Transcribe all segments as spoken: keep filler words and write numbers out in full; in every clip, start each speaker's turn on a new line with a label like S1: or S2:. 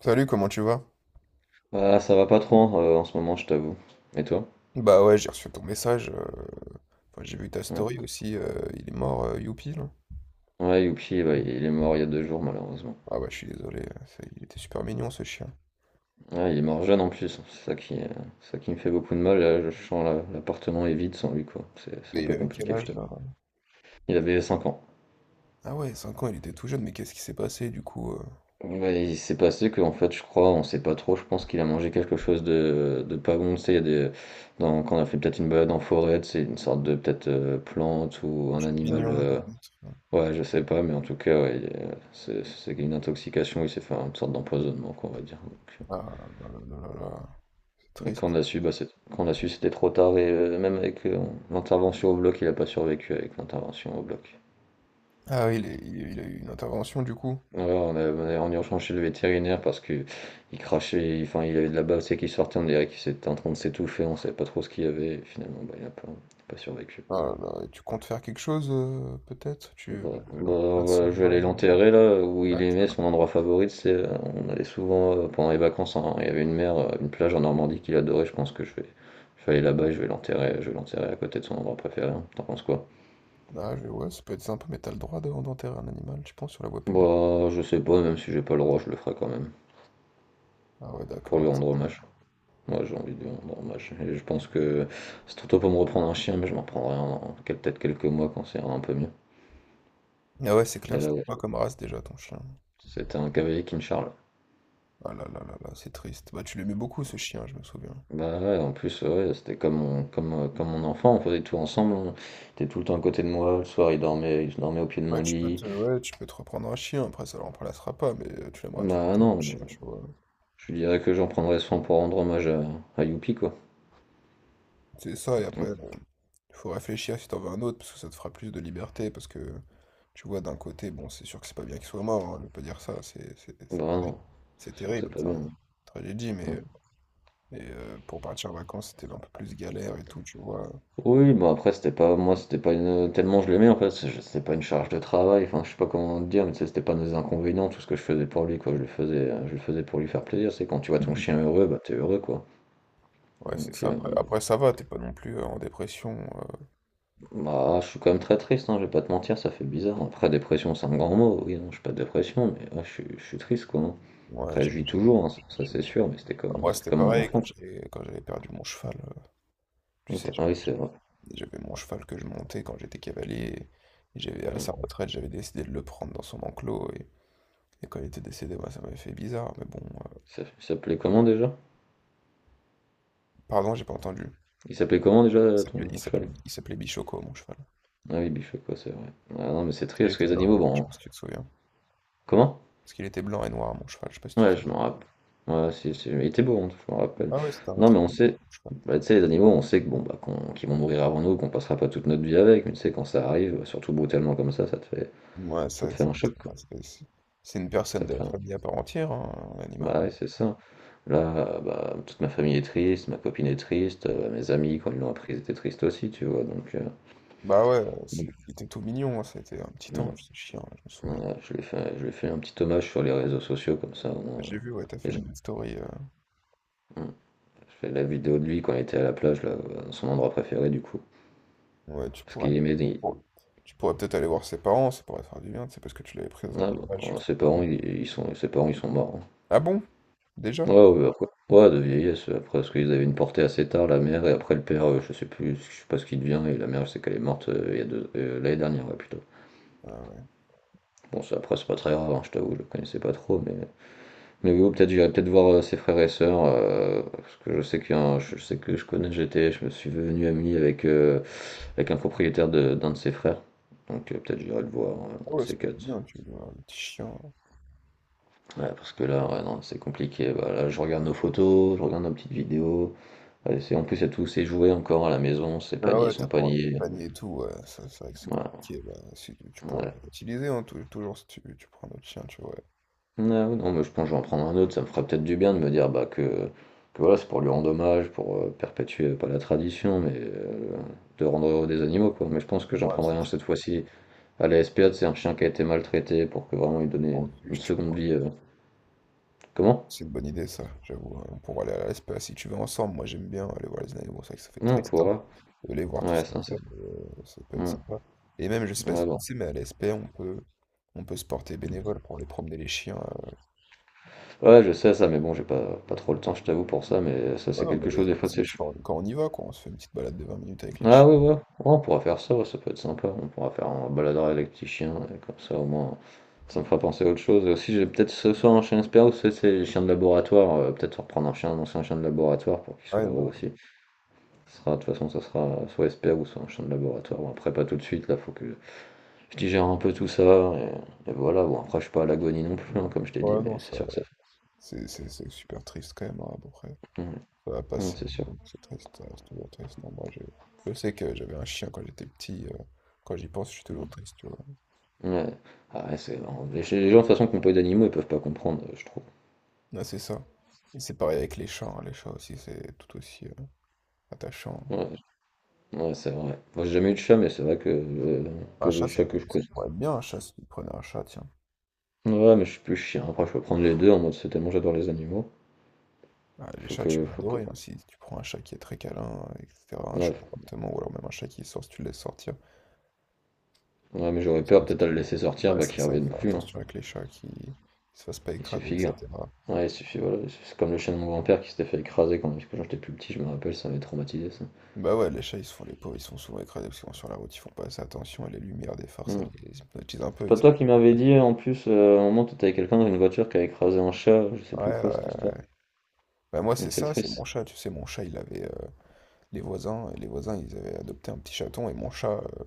S1: Salut, comment tu vas?
S2: Ah, ça va pas trop hein, euh, en ce moment, je t'avoue. Et toi?
S1: Bah ouais, j'ai reçu ton message. Euh, enfin, j'ai vu ta
S2: Ouais,
S1: story aussi. Euh, il est mort, euh, Youpi, là.
S2: ouais, Youpi, bah, il est mort il y a deux jours, malheureusement.
S1: Ah bah, je suis désolé. euh, c'est- Il était super mignon, ce chien.
S2: Ah, il est mort jeune en plus, c'est ça qui, euh, c'est ça qui me fait beaucoup de mal. Là, je sens la- l'appartement est vide sans lui, quoi. C'est c'est
S1: Et
S2: un
S1: il
S2: peu
S1: avait quel
S2: compliqué, je
S1: âge,
S2: t'avoue.
S1: là?
S2: Il avait cinq ans.
S1: Ah ouais, cinq ans, il était tout jeune, mais qu'est-ce qui s'est passé, du coup? euh,
S2: Ouais, il s'est passé que, en fait, je crois, on sait pas trop, je pense qu'il a mangé quelque chose de, de pas bon. Tu sais, il y a des, dans- quand on a fait peut-être une balade en forêt, c'est une sorte de peut-être euh, plante ou
S1: Un
S2: un animal.
S1: champignon,
S2: euh,
S1: peut-être?
S2: Ouais, je sais pas, mais en tout cas, ouais, il est- c'est c'est une intoxication, il s'est fait une sorte d'empoisonnement, quoi, on va dire. Donc, euh,
S1: Ah là là là là là là. C'est
S2: mais quand on
S1: triste.
S2: a su, bah, c'est- quand on a su, c'était trop tard, et euh, même avec euh, l'intervention au bloc, il a pas survécu avec l'intervention au bloc.
S1: Ah oui, il, est- il- il a eu une intervention, du coup.
S2: Ouais, on est on est en urgence chez le vétérinaire parce que il crachait, il- enfin, il avait de la bave, c'est qui sortait, on dirait qu'il était en train de s'étouffer, on savait pas trop ce qu'il y avait, et finalement, bah, il a pas, pas survécu.
S1: Ah là là, et tu comptes faire quelque chose, euh, peut-être? Tu veux
S2: Bon,
S1: le-
S2: bah,
S1: l'en-
S2: euh, je vais
S1: l'incinérer?
S2: aller
S1: euh,
S2: l'enterrer là où
S1: Ah,
S2: il aimait
S1: tiens.
S2: son endroit favori, c'est euh, on allait souvent euh, pendant les vacances, hein, il y avait une mer, euh, une plage en Normandie qu'il adorait, je pense que je vais, je vais aller là-bas et je vais l'enterrer, je vais l'enterrer à côté de son endroit préféré, hein. T'en penses quoi?
S1: Ah, je- ouais, ça peut être sympa, mais t'as le droit de- d'enterrer un animal, tu penses, sur la voie publique?
S2: Bah je sais pas, même si j'ai pas le droit, je le ferai quand même,
S1: Ah ouais,
S2: pour lui
S1: d'accord.
S2: rendre hommage. Moi j'ai envie de lui rendre hommage. Et je pense que c'est trop tôt pour me reprendre un chien, mais je m'en prendrai un dans quel- peut-être quelques mois quand c'est un peu mieux.
S1: Ah ouais, c'est
S2: Mais
S1: clair,
S2: là
S1: c'était
S2: ouais,
S1: quoi comme race déjà ton chien?
S2: c'était un cavalier King Charles.
S1: Ah là là là là, c'est triste. Bah, tu l'aimais beaucoup, ce chien, je me souviens.
S2: Bah ouais, en plus, ouais, c'était comme mon, comme, euh, comme mon enfant, on faisait tout ensemble, on était tout le temps à côté de moi, le soir il dormait, il dormait au pied de mon
S1: Bah, tu peux
S2: lit.
S1: te, ouais, tu peux te reprendre un chien, après ça le remplacera pas, mais euh, tu l'aimeras tout
S2: Bah
S1: autant, le
S2: non, mais
S1: chien,
S2: bon,
S1: tu vois.
S2: je lui dirais que j'en prendrais soin pour rendre hommage à, à Youpi, quoi.
S1: C'est ça, et
S2: Mm.
S1: après, bon, faut réfléchir si t'en veux un autre, parce que ça te fera plus de liberté, parce que, tu vois, d'un côté, bon, c'est sûr que c'est pas bien qu'il soit mort, hein, je vais pas dire ça, c'est c'est-
S2: Bah
S1: c'est
S2: non,
S1: terrible. C'est
S2: c'est sûr que
S1: terrible,
S2: c'est pas
S1: ça, une
S2: bien.
S1: tragédie, mais,
S2: Mm.
S1: euh, mais euh, pour partir en vacances, c'était un peu plus galère et tout, tu vois.
S2: Oui, bah après c'était pas, moi c'était pas une, tellement je l'aimais en fait, c'est- c'était pas une charge de travail, enfin je sais pas comment te dire, mais tu sais, c'était pas des inconvénients, tout ce que je faisais pour lui, quoi, je le faisais, je le faisais pour lui faire plaisir, c'est quand tu vois ton
S1: Mhm.
S2: chien heureux, bah t'es heureux, quoi.
S1: Ouais, c'est
S2: Donc,
S1: ça.
S2: euh,
S1: Après, après, ça va, t'es pas non plus euh, en dépression. euh,
S2: bah, je suis quand même très triste, hein, je vais pas te mentir, ça fait bizarre. Après, dépression, c'est un grand mot. Oui, non, je suis pas de dépression, mais ouais, je suis, je suis triste, quoi, hein.
S1: Ouais,
S2: Après,
S1: j'ai-
S2: je vis toujours, hein, ça, ça, c'est sûr, mais c'était
S1: Bah,
S2: comme,
S1: moi, ouais,
S2: c'était
S1: c'était
S2: comme mon
S1: pareil quand
S2: enfance.
S1: j'avais quand j'avais perdu mon cheval. Euh, tu sais,
S2: Attends, ah oui,
S1: j'avais
S2: c'est vrai.
S1: j'avais mon cheval que je montais quand j'étais cavalier. Et, j'avais à
S2: Hmm.
S1: sa retraite, j'avais décidé de le prendre dans son enclos. Et, et quand il était décédé, moi, ça m'avait fait bizarre. Mais bon, euh,
S2: Ça- Il s'appelait comment déjà?
S1: pardon, j'ai pas entendu.
S2: Il s'appelait comment
S1: Il
S2: déjà
S1: s'appelait il
S2: ton
S1: s'appelait
S2: cheval?
S1: Bi- il s'appelait Bichoco, mon cheval.
S2: Ah oui, Bichot, quoi, c'est vrai. Ah non, mais c'est
S1: Parce
S2: triste,
S1: qu'il
S2: parce
S1: était
S2: que les
S1: blanc,
S2: animaux,
S1: je sais
S2: bon.
S1: pas si tu te souviens.
S2: Comment?
S1: Parce qu'il était blanc et noir, mon cheval, je sais pas si tu te
S2: Ouais, je
S1: souviens.
S2: m'en rappelle. Ouais, si, si, mais il était beau, hein, je m'en rappelle.
S1: Ah ouais, c'était un
S2: Non,
S1: très
S2: mais on
S1: bon
S2: sait.
S1: cheval.
S2: Bah, tu sais, les animaux, on sait que bon, bah, qu'on, qu'ils vont mourir avant nous, qu'on passera pas toute notre vie avec, mais tu sais, quand ça arrive, surtout brutalement comme ça, ça te fait.
S1: Ouais,
S2: Ça te
S1: ça,
S2: fait
S1: ça-
S2: un choc, quoi.
S1: ouais, c'est c'est- c'est une
S2: Ça
S1: personne de
S2: te
S1: la
S2: fait un
S1: famille à part entière, hein, un animal.
S2: bah ouais, c'est ça. Là, bah, toute ma famille est triste, ma copine est triste, euh, mes amis, quand ils l'ont appris, ils étaient tristes aussi, tu vois. Donc, euh,
S1: Bah ouais, euh,
S2: donc,
S1: c'est- il était tout mignon, hein, c'était un petit
S2: mm,
S1: ange, ce chien, je me souviens.
S2: voilà, je lui ai fait, je lui ai fait un petit hommage sur les réseaux sociaux, comme ça, au
S1: Bah,
S2: moins.
S1: j'ai vu, ouais, t'as
S2: Les
S1: fait
S2: gens-
S1: une story. euh,
S2: mm. Je fais la vidéo de lui quand il était à la plage, là, dans son endroit préféré, du coup.
S1: Ouais, tu
S2: Parce
S1: pourrais
S2: qu'il
S1: aller.
S2: aimait. Des-
S1: oh, Tu pourrais peut-être aller voir ses parents, ça pourrait faire du bien, c'est parce que tu l'avais pris dans un
S2: Ah,
S1: élevage
S2: bah,
S1: juste à
S2: ses
S1: côté.
S2: parents, ils, ils sont, ses parents, ils sont morts, hein.
S1: Ah bon? Déjà?
S2: Ouais, ouais, bah, après, ouais, de vieillesse, euh, après, parce qu'ils avaient une portée assez tard, la mère, et après le père, euh, je sais plus, je sais pas ce qu'il devient, et la mère, je sais qu'elle est morte euh, il y a deux, euh, l'année dernière, ouais, plutôt.
S1: Ah ouais.
S2: Bon, ça, après, c'est pas très grave, hein, je t'avoue, je le connaissais pas trop, mais, mais oui, peut-être, j'irai peut-être voir euh, ses frères et sœurs, euh, parce que je sais qu'il y a un- je sais que je connais, j'étais, je me suis venu ami avec, euh, avec un propriétaire de, d'un de ses frères, donc euh, peut-être j'irai le voir, euh,
S1: Ah
S2: un de
S1: ouais, c'est
S2: ces
S1: pas
S2: quatre.
S1: bien, tu veux voir le petit chien, là.
S2: Ouais, parce que là, ouais, non, c'est compliqué, bah, là, je regarde nos photos, je regarde nos petites vidéos. Ouais, c'est, en plus, il y a tous ses jouets encore à la maison, ses
S1: Ah
S2: paniers,
S1: ouais, t'as
S2: son
S1: pas rentré le
S2: panier.
S1: panier et tout, ouais, ça, c'est vrai que c'est
S2: Voilà, ouais.
S1: compliqué. Bah, si, tu tu pourrais les réutiliser, hein, tou- toujours si tu, tu prends notre chien, tu vois.
S2: Ah oui, non, mais je pense que je vais en prendre un autre, ça me ferait peut-être du bien de me dire bah, que, que voilà, c'est pour lui rendre hommage, pour euh, perpétuer, euh, pas la tradition, mais euh, de rendre heureux des animaux, quoi. Mais je pense que j'en
S1: Ouais, c'est
S2: prendrai un
S1: c'est
S2: cette fois-ci à la spa, c'est un chien qui a été maltraité pour que vraiment lui donner
S1: Un
S2: une, une
S1: refuge,
S2: seconde vie. euh, Comment?
S1: c'est une bonne idée, ça, j'avoue, hein, pour aller à la, si tu veux, ensemble, moi j'aime bien aller voir les animaux, c'est vrai que ça fait
S2: Non, on
S1: triste, hein,
S2: pourra.
S1: de les voir tous
S2: Ouais,
S1: comme
S2: ça,
S1: ça,
S2: c'est.
S1: mais euh, ça peut être
S2: Hmm.
S1: sympa. Et même, je sais pas
S2: Ouais,
S1: si
S2: bon.
S1: tu sais, mais à la, on peut, on peut se porter bénévole pour aller promener les chiens. euh.
S2: Ouais, je sais ça, mais bon, j'ai pas, pas trop le temps, je t'avoue, pour ça, mais ça,
S1: Ouais,
S2: c'est
S1: non, mais
S2: quelque chose, des fois,
S1: c'est
S2: c'est
S1: juste quand, quand on y va, quoi, on se fait une petite balade de vingt minutes avec les
S2: ah
S1: chiens.
S2: ouais, ouais, ouais, on pourra faire ça, ouais, ça peut être sympa. On pourra faire un baladeur avec les petits chiens, et comme ça au moins ça me fera penser à autre chose. Et aussi, j'ai peut-être ce soir un chien expert ou c'est c'est les chiens de laboratoire, euh, peut-être reprendre un chien, un ancien chien de laboratoire pour qu'il soit
S1: Ouais,
S2: heureux
S1: non,
S2: aussi. Ce sera, de toute façon, ça sera soit expert ou soit un chien de laboratoire. Bon, après, pas tout de suite, là, faut que je digère un peu tout ça, et, et voilà. Bon, après, je suis pas à l'agonie non plus, hein, comme je t'ai dit,
S1: ouais,
S2: mais
S1: non,
S2: c'est
S1: ça,
S2: sûr que ça
S1: C'est c'est- c'est super triste quand même, hein, à peu près.
S2: fait. Ouais,
S1: Ça va
S2: ouais,
S1: passer,
S2: c'est sûr.
S1: donc c'est triste, ça reste toujours triste, hein. Moi, je, je sais que j'avais un chien quand j'étais petit, euh, quand j'y pense, je suis
S2: Ouais.
S1: toujours triste, tu vois.
S2: Ouais. Ah ouais, c'est... Les gens, de toute façon, qui n'ont pas eu d'animaux, ils peuvent pas comprendre, euh, je trouve.
S1: Ouais, c'est ça. Et c'est pareil avec les chats, hein. Les chats aussi, c'est tout aussi euh, attachant.
S2: Ouais, ouais, c'est vrai. Moi, j'ai jamais eu de chat, mais c'est vrai que, euh,
S1: Bah,
S2: que
S1: un chat,
S2: le
S1: ça
S2: chat
S1: peut,
S2: que je
S1: ça
S2: connais.
S1: pourrait être bien, un chat, si tu prenais un chat, tiens.
S2: Ouais, mais je suis plus chien. Après, je peux prendre les deux en mode c'est tellement j'adore les animaux.
S1: Ah, les
S2: Faut
S1: chats, tu
S2: que,
S1: vas
S2: faut que.
S1: adorer, hein. Si tu prends un chat qui est très câlin, euh, et cætera, un
S2: Ouais,
S1: chat d'appartement, ou alors même un chat qui sort si tu le laisses sortir.
S2: ouais mais j'aurais
S1: Parce
S2: peur
S1: que ce
S2: peut-être à
S1: qui...
S2: le laisser sortir,
S1: Ouais,
S2: bah
S1: c'est
S2: qu'il
S1: ça,
S2: revienne
S1: faire
S2: plus, hein.
S1: attention avec les chats qui... qui se fassent pas
S2: Il
S1: écraser,
S2: suffit, hein
S1: et cætera.
S2: ouais, il suffit, voilà. C'est comme le chien de mon grand-père qui s'était fait écraser quand, quand j'étais plus petit, je me rappelle, ça m'avait traumatisé ça.
S1: Bah ouais, les chats, ils se font, les pauvres, ils sont souvent écrasés parce qu'ils vont sur la route, ils font pas assez attention, et les lumières des phares, ça
S2: Hmm.
S1: les hypnotise un
S2: C'est
S1: peu, ils...
S2: pas
S1: savent-
S2: toi qui m'avais dit en plus, euh, à un moment t'étais avec quelqu'un dans une voiture qui a écrasé un chat, je sais
S1: Ouais,
S2: plus
S1: ouais,
S2: quoi cette
S1: ouais,
S2: histoire.
S1: ouais. Bah moi, c'est
S2: Donc c'est
S1: ça, c'est
S2: triste.
S1: mon chat, tu sais, mon chat, il avait... Les voisins, euh, les voisins, ils avaient adopté un petit chaton et mon chat, euh,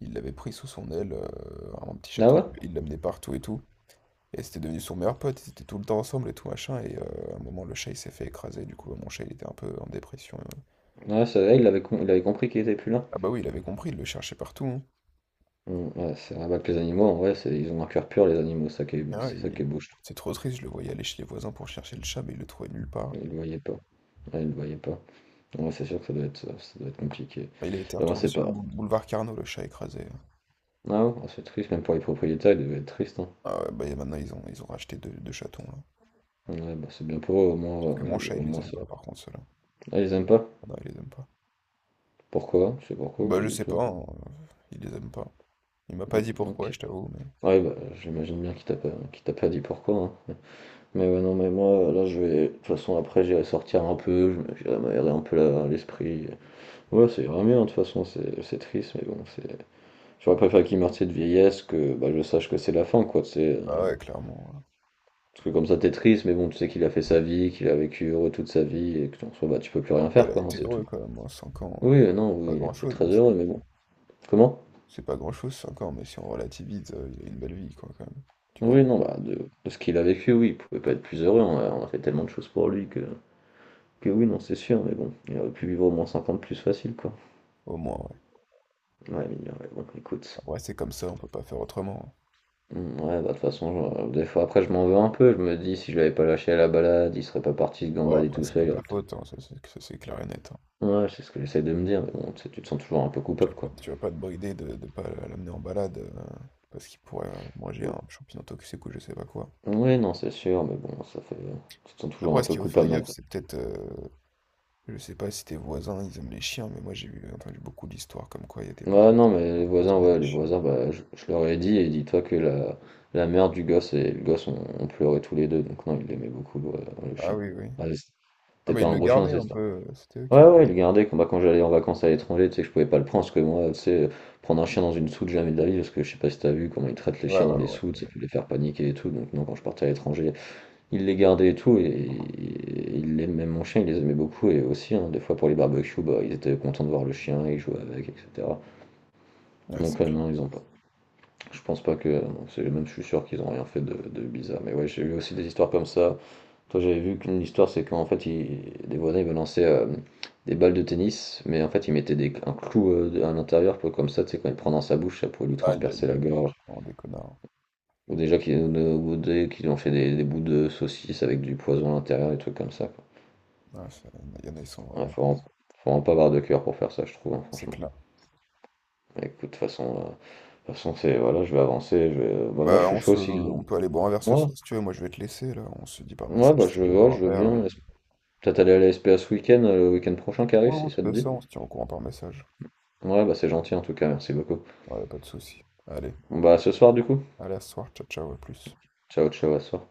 S1: il l'avait pris sous son aile, euh, un petit
S2: Ah
S1: chaton,
S2: ouais?
S1: il l'amenait partout et tout. Et c'était devenu son meilleur pote, ils étaient tout le temps ensemble et tout machin. Et euh, à un moment, le chat, il s'est fait écraser. Du coup, mon chat, il était un peu en dépression. euh.
S2: Ouais, c'est vrai, il avait, com- il avait compris qu'il était plus là.
S1: Ah bah oui, il avait compris, il le cherchait partout, hein.
S2: Mmh, ouais, c'est un avec les animaux, en vrai, c'est ils ont un cœur pur, les animaux, ça qui est
S1: Ah, ouais,
S2: c'est ça
S1: il-
S2: qui est beau, je trouve.
S1: C'est trop triste, je le voyais aller chez les voisins pour chercher le chat, mais il le trouvait nulle part.
S2: Ils le voyaient pas. Ouais, ils le voyaient pas. Ouais, c'est sûr que ça doit être, ça doit être compliqué.
S1: Bah, il a été
S2: Bah, moi,
S1: retrouvé
S2: c'est
S1: sur le
S2: pas.
S1: bou- boulevard Carnot, le chat écrasé, hein.
S2: Ah ouais, ah, c'est triste, même pour les propriétaires, ils devaient être tristes, hein.
S1: Ah ouais, bah et maintenant, ils ont, ils ont racheté deux, deux chatons, là.
S2: Ouais, bah, c'est bien pour eux, au moins,
S1: Sauf que mon
S2: euh,
S1: chat,
S2: au
S1: il les
S2: moins
S1: aime
S2: c'est.
S1: pas, par contre, ceux-là.
S2: Ah, ils aiment pas?
S1: Ah non, il les aime pas.
S2: Pourquoi? C'est pourquoi ou
S1: Bah,
S2: pas
S1: je
S2: du
S1: sais
S2: tout?
S1: pas, hein, il les aime pas. Il m'a
S2: Mm,
S1: pas dit pourquoi,
S2: ok.
S1: je t'avoue, mais.
S2: Ouais, bah, j'imagine bien qu'il t'a pas, qu'il t'a pas dit pourquoi, hein. Mais ouais, non, mais moi, là, je vais. De toute façon, après, j'irai sortir un peu, je me- j'irai m'aérer un peu la- l'esprit. Ouais, c'est grave bien, de toute façon, c'est c'est triste, mais bon, c'est. J'aurais préféré qu'il meure, tu sais, de vieillesse, que bah, je sache que c'est la fin, quoi, tu sais. euh,
S1: Ah ouais, clairement, ouais.
S2: Parce que comme ça, t'es triste, mais bon, tu sais qu'il a fait sa vie, qu'il a vécu heureux toute sa vie, et que en soi, bah, tu peux plus
S1: Bon,
S2: rien
S1: après, elle
S2: faire,
S1: a
S2: quoi, hein,
S1: été
S2: c'est
S1: heureux
S2: tout.
S1: quand même, cinq ans,
S2: Oui, euh, non,
S1: c'est pas
S2: oui, il était
S1: grand-chose,
S2: très
S1: mais c'est
S2: heureux, mais bon. Comment?
S1: c'est pas grand-chose, cinq ans, mais si on relativise, euh, il a une belle vie, quoi, quand même. Tu
S2: Oui,
S1: vois,
S2: non, bah, de, de ce qu'il a vécu, oui, il pouvait pas être plus heureux, on a, on a fait tellement de choses pour lui que. Que oui, non, c'est sûr, mais bon, il aurait pu vivre au moins cinquante plus facile, quoi.
S1: au moins, ouais.
S2: Ouais, mais, ouais, bon, écoute.
S1: Après, c'est comme ça, on peut pas faire autrement, hein.
S2: Mmh, ouais, bah, de toute façon, heu, des fois, après, je m'en veux un peu. Je me dis: «Si je l'avais pas lâché à la balade, il serait pas parti se
S1: Bon,
S2: gambader
S1: après,
S2: tout
S1: c'est
S2: seul,
S1: pas
S2: il aurait
S1: ta
S2: peut-être»
S1: faute, hein, ça c'est ça, c'est clair et net, hein.
S2: ouais, c'est ce que j'essaie de me dire, mais bon, tu sais, tu te sens toujours un peu
S1: Tu
S2: coupable,
S1: vas pas,
S2: quoi.
S1: tu vas pas te brider de, de pas l'amener en balade, euh, parce qu'il pourrait euh, manger un champignon toxique ou je sais pas quoi.
S2: Ou oui, non, c'est sûr, mais bon, ça fait tu te sens toujours
S1: Après,
S2: un
S1: ce
S2: peu
S1: qu'il faut faire
S2: coupable
S1: gaffe,
S2: mal
S1: c'est peut-être euh, je sais pas si tes voisins, ils aiment les chiens, mais moi j'ai vu- entendu beaucoup d'histoires comme quoi il y a des voisins
S2: ouais, non, mais
S1: qui
S2: les voisins,
S1: empoisonnaient
S2: ouais,
S1: des
S2: les
S1: chiens.
S2: voisins, bah, je je leur ai dit et dis-toi que la la mère du gosse et le gosse ont ont pleuré tous les deux donc non, il aimait beaucoup, le le
S1: Ah
S2: chien.
S1: oui, oui.
S2: Ah, je
S1: Ah,
S2: sais
S1: mais
S2: pas
S1: ils
S2: un
S1: le
S2: gros chien,
S1: gardaient
S2: c'est
S1: un
S2: ça?
S1: peu, euh, c'était eux qui
S2: Ouais,
S1: le
S2: ouais, il
S1: gardaient.
S2: le gardait quand, bah, quand j'allais en vacances à l'étranger, tu sais que je pouvais pas le prendre, parce que moi, tu sais, euh, prendre un chien dans une soute, jamais de la vie, parce que je sais pas si t'as vu comment ils traitent les
S1: Ouais,
S2: chiens
S1: ouais,
S2: dans les
S1: ouais, ouais.
S2: soutes, ça
S1: Ouais,
S2: peut les faire paniquer et tout, donc non, quand je partais à l'étranger, il les gardait et tout, et, et il aimait même mon chien, il les aimait beaucoup, et aussi, hein, des fois pour les barbecues, bah, ils étaient contents de voir le chien, ils jouaient avec, et cetera.
S1: ouais,
S2: Donc
S1: c'est
S2: euh,
S1: clair.
S2: non, ils ont pas. Je pense pas que. Bon, c'est même je suis sûr qu'ils ont rien fait de, de bizarre. Mais ouais, j'ai vu aussi des histoires comme ça. Toi, j'avais vu qu'une histoire, c'est qu'en fait, ils- des voisins, ils me lançaient euh, des balles de tennis, mais en fait, ils mettaient des, un clou euh, à l'intérieur, pour- comme ça, tu sais, quand il prend dans sa bouche, ça pouvait lui
S1: Aïe,
S2: transpercer
S1: aïe,
S2: la
S1: aïe.
S2: gorge.
S1: Non, des connards.
S2: Ou déjà qu'ils euh, ou des- qu'ils ont fait des, des bouts de saucisse avec du poison à l'intérieur, des trucs comme ça, quoi.
S1: Ouais, ça- il y en a, ils sont
S2: Ouais,
S1: vraiment...
S2: faut, vraiment, faut vraiment pas avoir de cœur pour faire ça, je trouve, hein,
S1: C'est
S2: franchement.
S1: clair.
S2: Mais écoute, de toute façon, euh, de toute façon c'est voilà, je vais avancer. Je vais, bah, moi, je
S1: Bah,
S2: suis
S1: on
S2: chaud
S1: se...
S2: si.
S1: on peut aller boire un verre ce
S2: Moi,
S1: soir, si tu veux. Moi, je vais te laisser, là. On se dit par
S2: ouais,
S1: message
S2: bah
S1: si tu
S2: je,
S1: veux aller
S2: ouais, je
S1: boire un
S2: veux
S1: verre, là.
S2: bien. Laisse- peut-être aller à la spa ce week-end, euh, le week-end prochain qui arrive,
S1: Ouais, on
S2: si
S1: se
S2: ça te
S1: fait
S2: dit.
S1: ça, on se tient au courant par message.
S2: Ouais, bah c'est gentil en tout cas, merci beaucoup.
S1: Ouais, pas de souci. Allez,
S2: Bon, bah à ce soir du coup.
S1: allez, à ce soir. Ciao, ciao, à plus.
S2: Ciao, ciao, à ce soir.